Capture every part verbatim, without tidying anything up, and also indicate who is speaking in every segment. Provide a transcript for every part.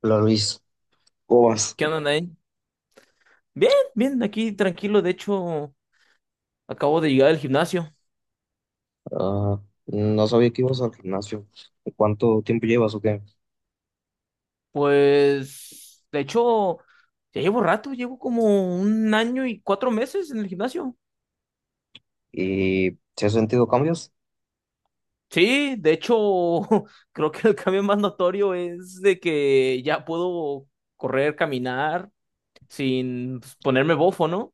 Speaker 1: Hola Luis, ¿cómo vas?
Speaker 2: ¿Qué onda, Nain? Bien, bien, aquí tranquilo. De hecho, acabo de llegar al gimnasio.
Speaker 1: Ah, no sabía que ibas al gimnasio. ¿Cuánto tiempo llevas o qué?
Speaker 2: Pues, de hecho, ya llevo rato, llevo como un año y cuatro meses en el gimnasio.
Speaker 1: ¿Y si has sentido cambios?
Speaker 2: Sí, de hecho, creo que el cambio más notorio es de que ya puedo correr, caminar sin pues, ponerme bofo, ¿no?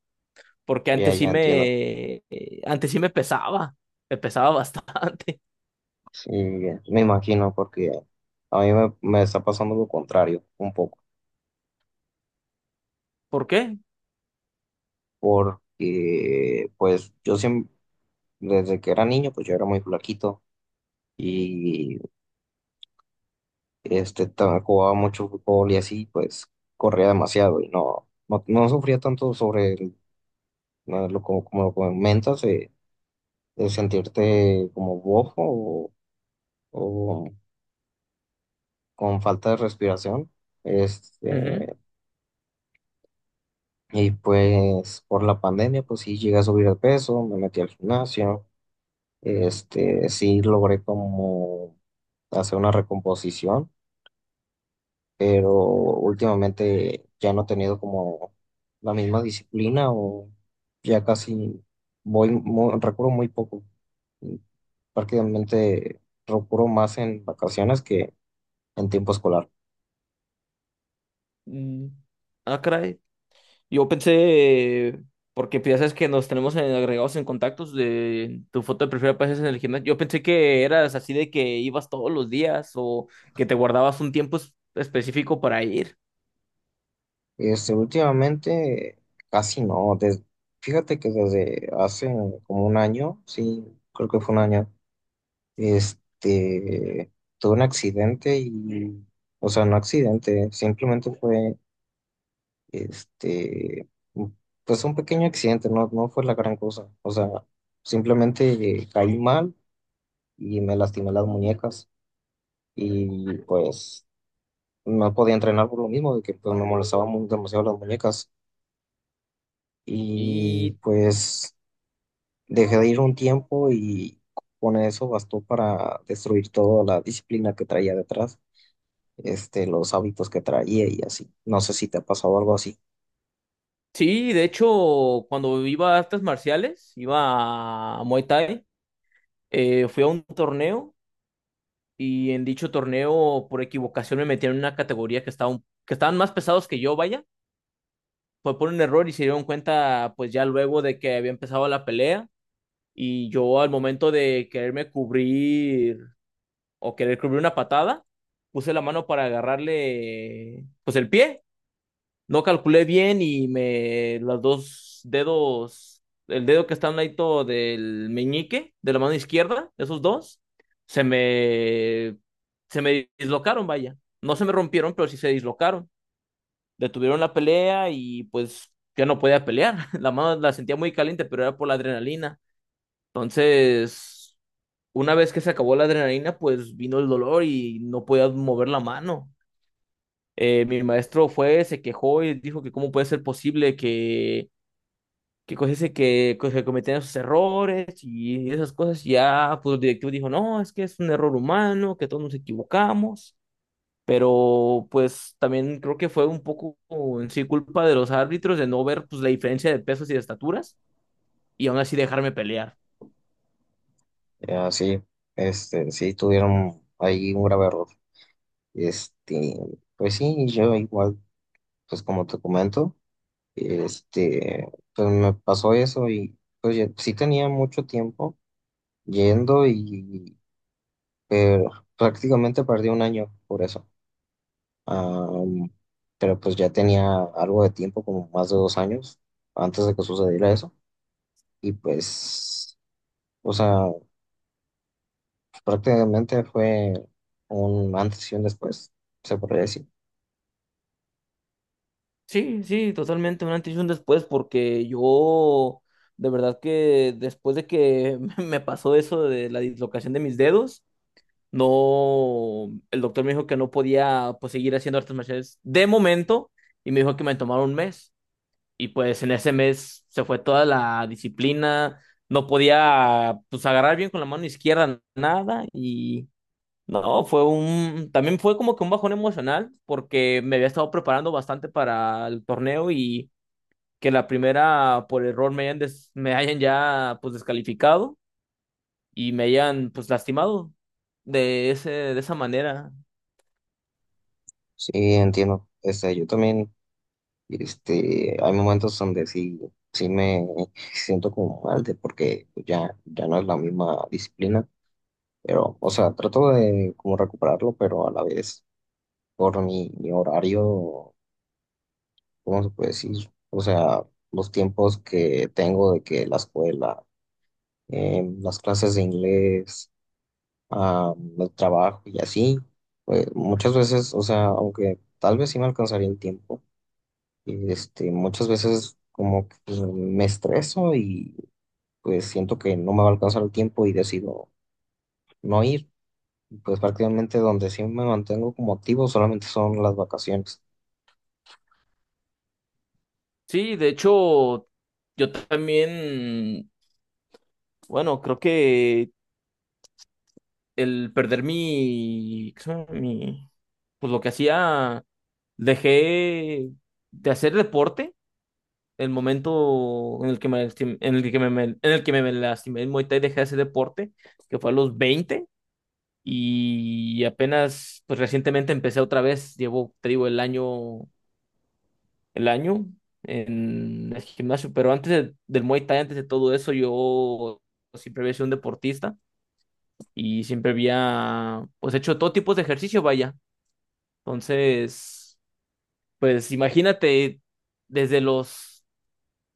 Speaker 2: Porque
Speaker 1: Ya,
Speaker 2: antes sí
Speaker 1: ya entiendo.
Speaker 2: me, eh, antes sí me pesaba, me pesaba bastante.
Speaker 1: Y me imagino porque a mí me, me está pasando lo contrario un poco.
Speaker 2: ¿Por qué?
Speaker 1: Porque pues yo siempre, desde que era niño, pues yo era muy flaquito y este, ta- jugaba mucho fútbol y así, pues corría demasiado y no, no, no sufría tanto sobre el- lo como, como lo comentas. Eh, de sentirte como bofo o, o con falta de respiración.
Speaker 2: Ujú.
Speaker 1: Este, y pues por la pandemia, pues sí llegué a subir de peso, me metí al gimnasio, este, sí logré como hacer una recomposición, pero últimamente ya no he tenido como la misma disciplina o ya casi voy, mu- recurro muy poco. Prácticamente recurro más en vacaciones que en tiempo escolar.
Speaker 2: Mm. Ah, caray. Yo pensé, porque pues, ya sabes que nos tenemos en- agregados en contactos de tu foto de perfil apareces en el gimnasio. Yo pensé que eras así de que ibas todos los días o que te guardabas un tiempo es- específico para ir.
Speaker 1: Este, últimamente casi no. des- fíjate que desde hace como un año, sí, creo que fue un año, este, tuve un accidente y, o sea, no accidente, simplemente fue, este, pues un pequeño accidente, no, no fue la gran cosa. O sea, simplemente caí mal y me lastimé las muñecas y pues no podía entrenar por lo mismo, de que pues, me molestaban mu- demasiado las muñecas. Y
Speaker 2: Y
Speaker 1: pues dejé de ir un tiempo y con eso bastó para destruir toda la disciplina que traía detrás, este, los hábitos que traía y así. No sé si te ha pasado algo así.
Speaker 2: sí, de hecho, cuando iba a artes marciales, iba a Muay Thai, eh, fui a un torneo y en dicho torneo, por equivocación, me metieron en una categoría que estaba, un- que estaban más pesados que yo, vaya. Fue por un error y se dieron cuenta, pues ya luego de que había empezado la pelea. Y yo al momento de quererme cubrir o querer cubrir una patada, puse la mano para agarrarle pues el pie. No calculé bien y me los dos dedos, el dedo que está al lado del meñique de la mano izquierda, esos dos, se me se me dislocaron, vaya. No se me rompieron, pero sí se dislocaron. Detuvieron la pelea y pues ya no podía pelear. La mano la sentía muy caliente, pero era por la adrenalina. Entonces, una vez que se acabó la adrenalina, pues vino el dolor y no podía mover la mano. Eh, mi maestro fue, se quejó y dijo que cómo puede ser posible que, que cosas se- que, que cometían esos errores y esas cosas. Ya, pues el directivo dijo, no, es que es un error humano, que todos nos equivocamos. Pero pues también creo que fue un poco en sí culpa de los árbitros de no ver pues la diferencia de pesos y de estaturas y aún así dejarme pelear.
Speaker 1: Eh, Así, este, sí tuvieron ahí un grave error. Este, pues sí, yo igual, pues como te comento, este, pues me pasó eso y pues ya- sí tenía mucho tiempo yendo y pero prácticamente perdí un año por eso. Am, pero pues ya tenía algo de tiempo, como más de dos años, antes de que sucediera eso. Y pues, o sea, prácticamente fue un antes y un después, se podría decir.
Speaker 2: Sí, sí, totalmente un antes y un después, porque yo de verdad que después de que me pasó eso de la dislocación de mis dedos, no, el doctor me dijo que no podía pues seguir haciendo artes marciales de momento y me dijo que me tomara un mes y pues en ese mes se fue toda la disciplina, no podía pues agarrar bien con la mano izquierda nada y no, fue un, también fue como que un bajón emocional porque me había estado preparando bastante para el torneo y que la primera por error me hayan, des- me hayan ya pues descalificado y me hayan pues lastimado de ese, de esa manera.
Speaker 1: Sí, entiendo. Este, yo también, este, hay momentos donde sí, sí me siento como mal de porque ya, ya no es la misma disciplina. Pero, o sea, trato de como recuperarlo, pero a la vez por mi, mi horario. ¿Cómo se puede decir? O sea, los tiempos que tengo de que la escuela, eh, las clases de inglés, ah, el trabajo y así, pues muchas veces, o sea, aunque tal vez sí me alcanzaría el tiempo, este, muchas veces como que pues, me estreso y pues siento que no me va a alcanzar el tiempo y decido no ir. Y pues prácticamente donde sí me mantengo como activo solamente son las vacaciones.
Speaker 2: Sí, de hecho, yo también, bueno, creo que el perder mi, ¿qué se llama? Mi, pues lo que hacía, dejé de hacer deporte. El momento en el que me, lastim- en el que me, me- en el que me me lastimé en Muay Thai, dejé de hacer deporte, que fue a los veinte. Y apenas, pues recientemente empecé otra vez, llevo, te digo, el año, el año en el gimnasio, pero antes de- del Muay Thai, antes de todo eso, yo siempre había sido un deportista y siempre había, pues, hecho todo tipo de ejercicio, vaya. Entonces, pues imagínate, desde los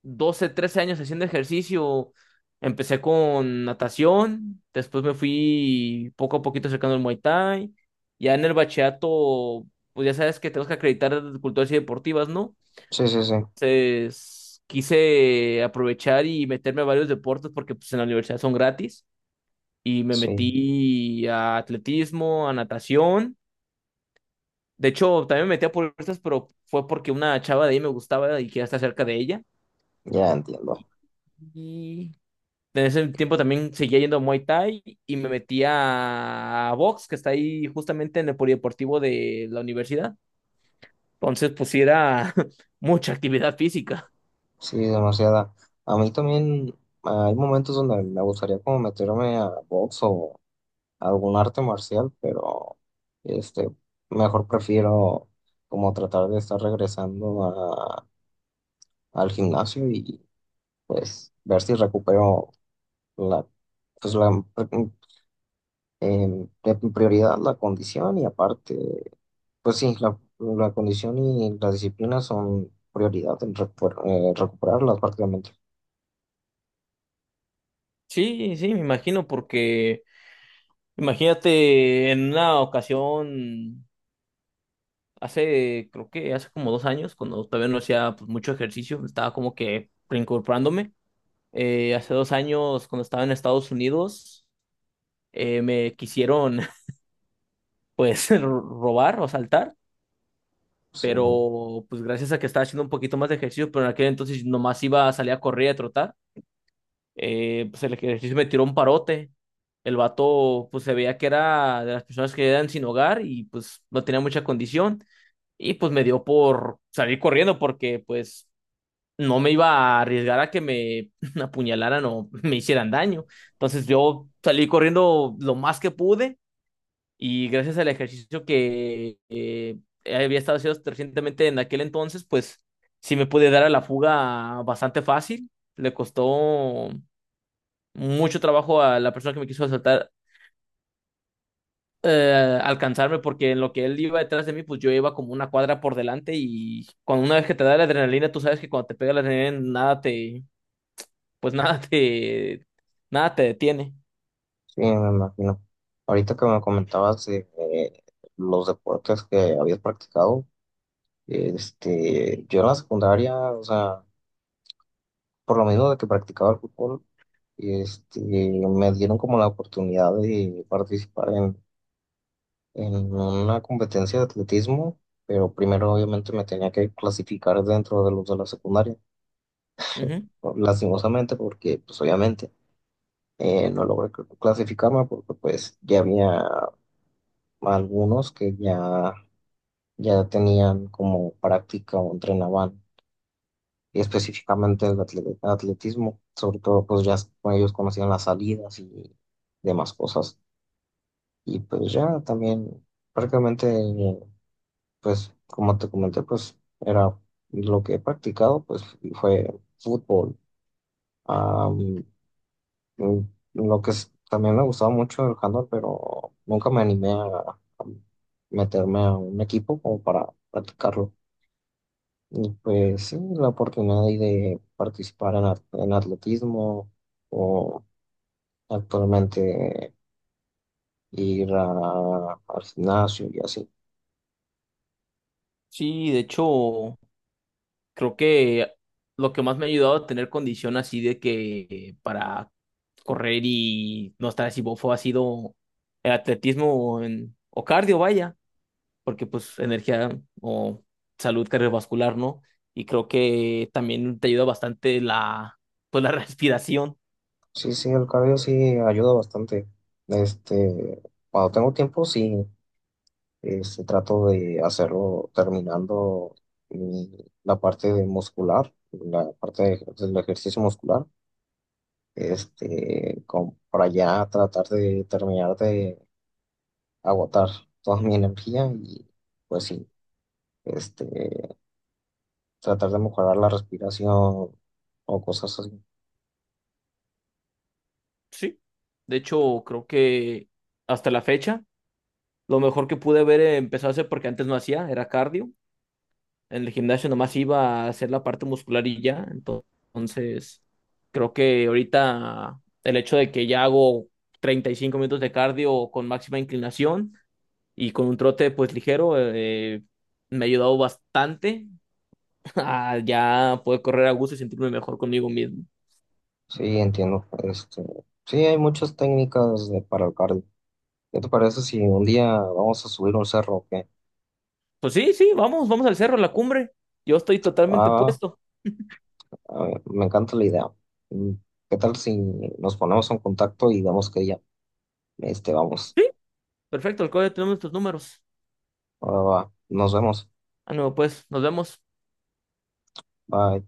Speaker 2: doce, trece años haciendo ejercicio. Empecé con natación, después me fui poco a poquito acercando al Muay Thai. Ya en el bachillerato, pues ya sabes que tenemos que acreditar culturas y deportivas, ¿no?
Speaker 1: Sí, sí, sí,
Speaker 2: Entonces quise aprovechar y meterme a varios deportes porque pues en la universidad son gratis. Y me
Speaker 1: sí,
Speaker 2: metí a atletismo, a natación. De hecho, también me metí a puertas, pero fue porque una chava de ahí me gustaba y quería estar cerca de ella.
Speaker 1: ya entiendo.
Speaker 2: Y en ese tiempo también seguía yendo a Muay Thai y me metí a, a box, que está ahí justamente en el polideportivo de la universidad. Entonces, pues sí era mucha actividad física.
Speaker 1: Sí, demasiada. A mí también ah, hay momentos donde me gustaría como meterme a box o algún arte marcial, pero este, mejor prefiero como tratar de estar regresando a- al gimnasio y pues ver si recupero la, pues la em, en prioridad la condición y aparte, pues sí, la, la condición y la disciplina son prioridad en recu- eh, recuperarlas prácticamente.
Speaker 2: Sí, sí, me imagino, porque imagínate en una ocasión, hace, creo que hace como dos años, cuando todavía no hacía pues, mucho ejercicio, estaba como que reincorporándome. Eh, hace dos años, cuando estaba en Estados Unidos, eh, me quisieron, pues, robar o asaltar,
Speaker 1: Sí.
Speaker 2: pero pues gracias a que estaba haciendo un poquito más de ejercicio, pero en aquel entonces nomás iba a salir a correr y a trotar, eh, pues el ejercicio me tiró un parote. El vato pues se veía que era de las personas que eran sin hogar y pues no tenía mucha condición y pues me dio por salir corriendo porque pues no me iba a arriesgar a que me apuñalaran o me hicieran daño. Entonces yo salí corriendo lo más que pude y gracias al ejercicio que eh, había estado haciendo recientemente en aquel entonces, pues sí me pude dar a la fuga bastante fácil. Le costó mucho trabajo a la persona que me quiso asaltar eh, alcanzarme porque en lo que él iba detrás de mí, pues yo iba como una cuadra por delante y cuando una vez que te da la adrenalina, tú sabes que cuando te pega la adrenalina, nada te, pues nada te, nada te detiene.
Speaker 1: Sí, me imagino. Ahorita que me comentabas de, eh, los deportes que habías practicado, este, yo en la secundaria, o sea, por lo menos de que practicaba el fútbol, este, me dieron como la oportunidad de participar en, en una competencia de atletismo, pero primero obviamente me tenía que clasificar dentro de los de la secundaria,
Speaker 2: Ujú.
Speaker 1: lastimosamente, porque pues obviamente eh, no logré cl- clasificarme porque pues ya había algunos que ya ya tenían como práctica o entrenaban específicamente el atle- atletismo, sobre todo pues ya con ellos conocían las salidas y demás cosas. Y pues ya también prácticamente, pues como te comenté, pues era lo que he practicado, pues fue fútbol. Am, mm, lo que es- también me gustaba mucho el handball, pero nunca me animé a a meterme a un equipo como para practicarlo. Y pues sí, la oportunidad ahí de participar en, at- en atletismo o actualmente ir a- al gimnasio y así.
Speaker 2: Sí, de hecho, creo que lo que más me ha ayudado a tener condición así de que para correr y no estar así bofo ha sido el atletismo, o en- o cardio, vaya, porque pues energía o salud cardiovascular, ¿no? Y creo que también te ayuda bastante la, pues la respiración,
Speaker 1: Sí, sí, el cabello sí ayuda bastante. Este, Cuando tengo tiempo, sí, este, trato de hacerlo terminando mi- la parte de muscular, la parte de- del ejercicio muscular, este, como para ya tratar de terminar de agotar toda mi energía y pues sí, este, tratar de mejorar la respiración o cosas así.
Speaker 2: sí. De hecho, creo que hasta la fecha, lo mejor que pude haber empezado a hacer, porque antes no hacía, era cardio. En el gimnasio nomás iba a hacer la parte muscular y ya. Entonces, creo que ahorita el hecho de que ya hago treinta y cinco minutos de cardio con máxima inclinación y con un trote pues ligero, eh, me ha ayudado bastante a ya poder correr a gusto y sentirme mejor conmigo mismo.
Speaker 1: Sí, entiendo. Este, sí, hay muchas técnicas de- para el cardio. ¿Qué te parece si un día vamos a subir un cerro, o qué?
Speaker 2: Pues sí, sí, vamos, vamos al cerro, a la cumbre. Yo estoy totalmente
Speaker 1: Ah,
Speaker 2: puesto.
Speaker 1: ah, me encanta la idea. Mm, ¿Qué tal si nos ponemos en contacto y vemos qué día? Este, vamos.
Speaker 2: Perfecto, al código tenemos nuestros números.
Speaker 1: Ahora va. Nos vemos.
Speaker 2: Ah, no, pues, nos vemos.
Speaker 1: Bye.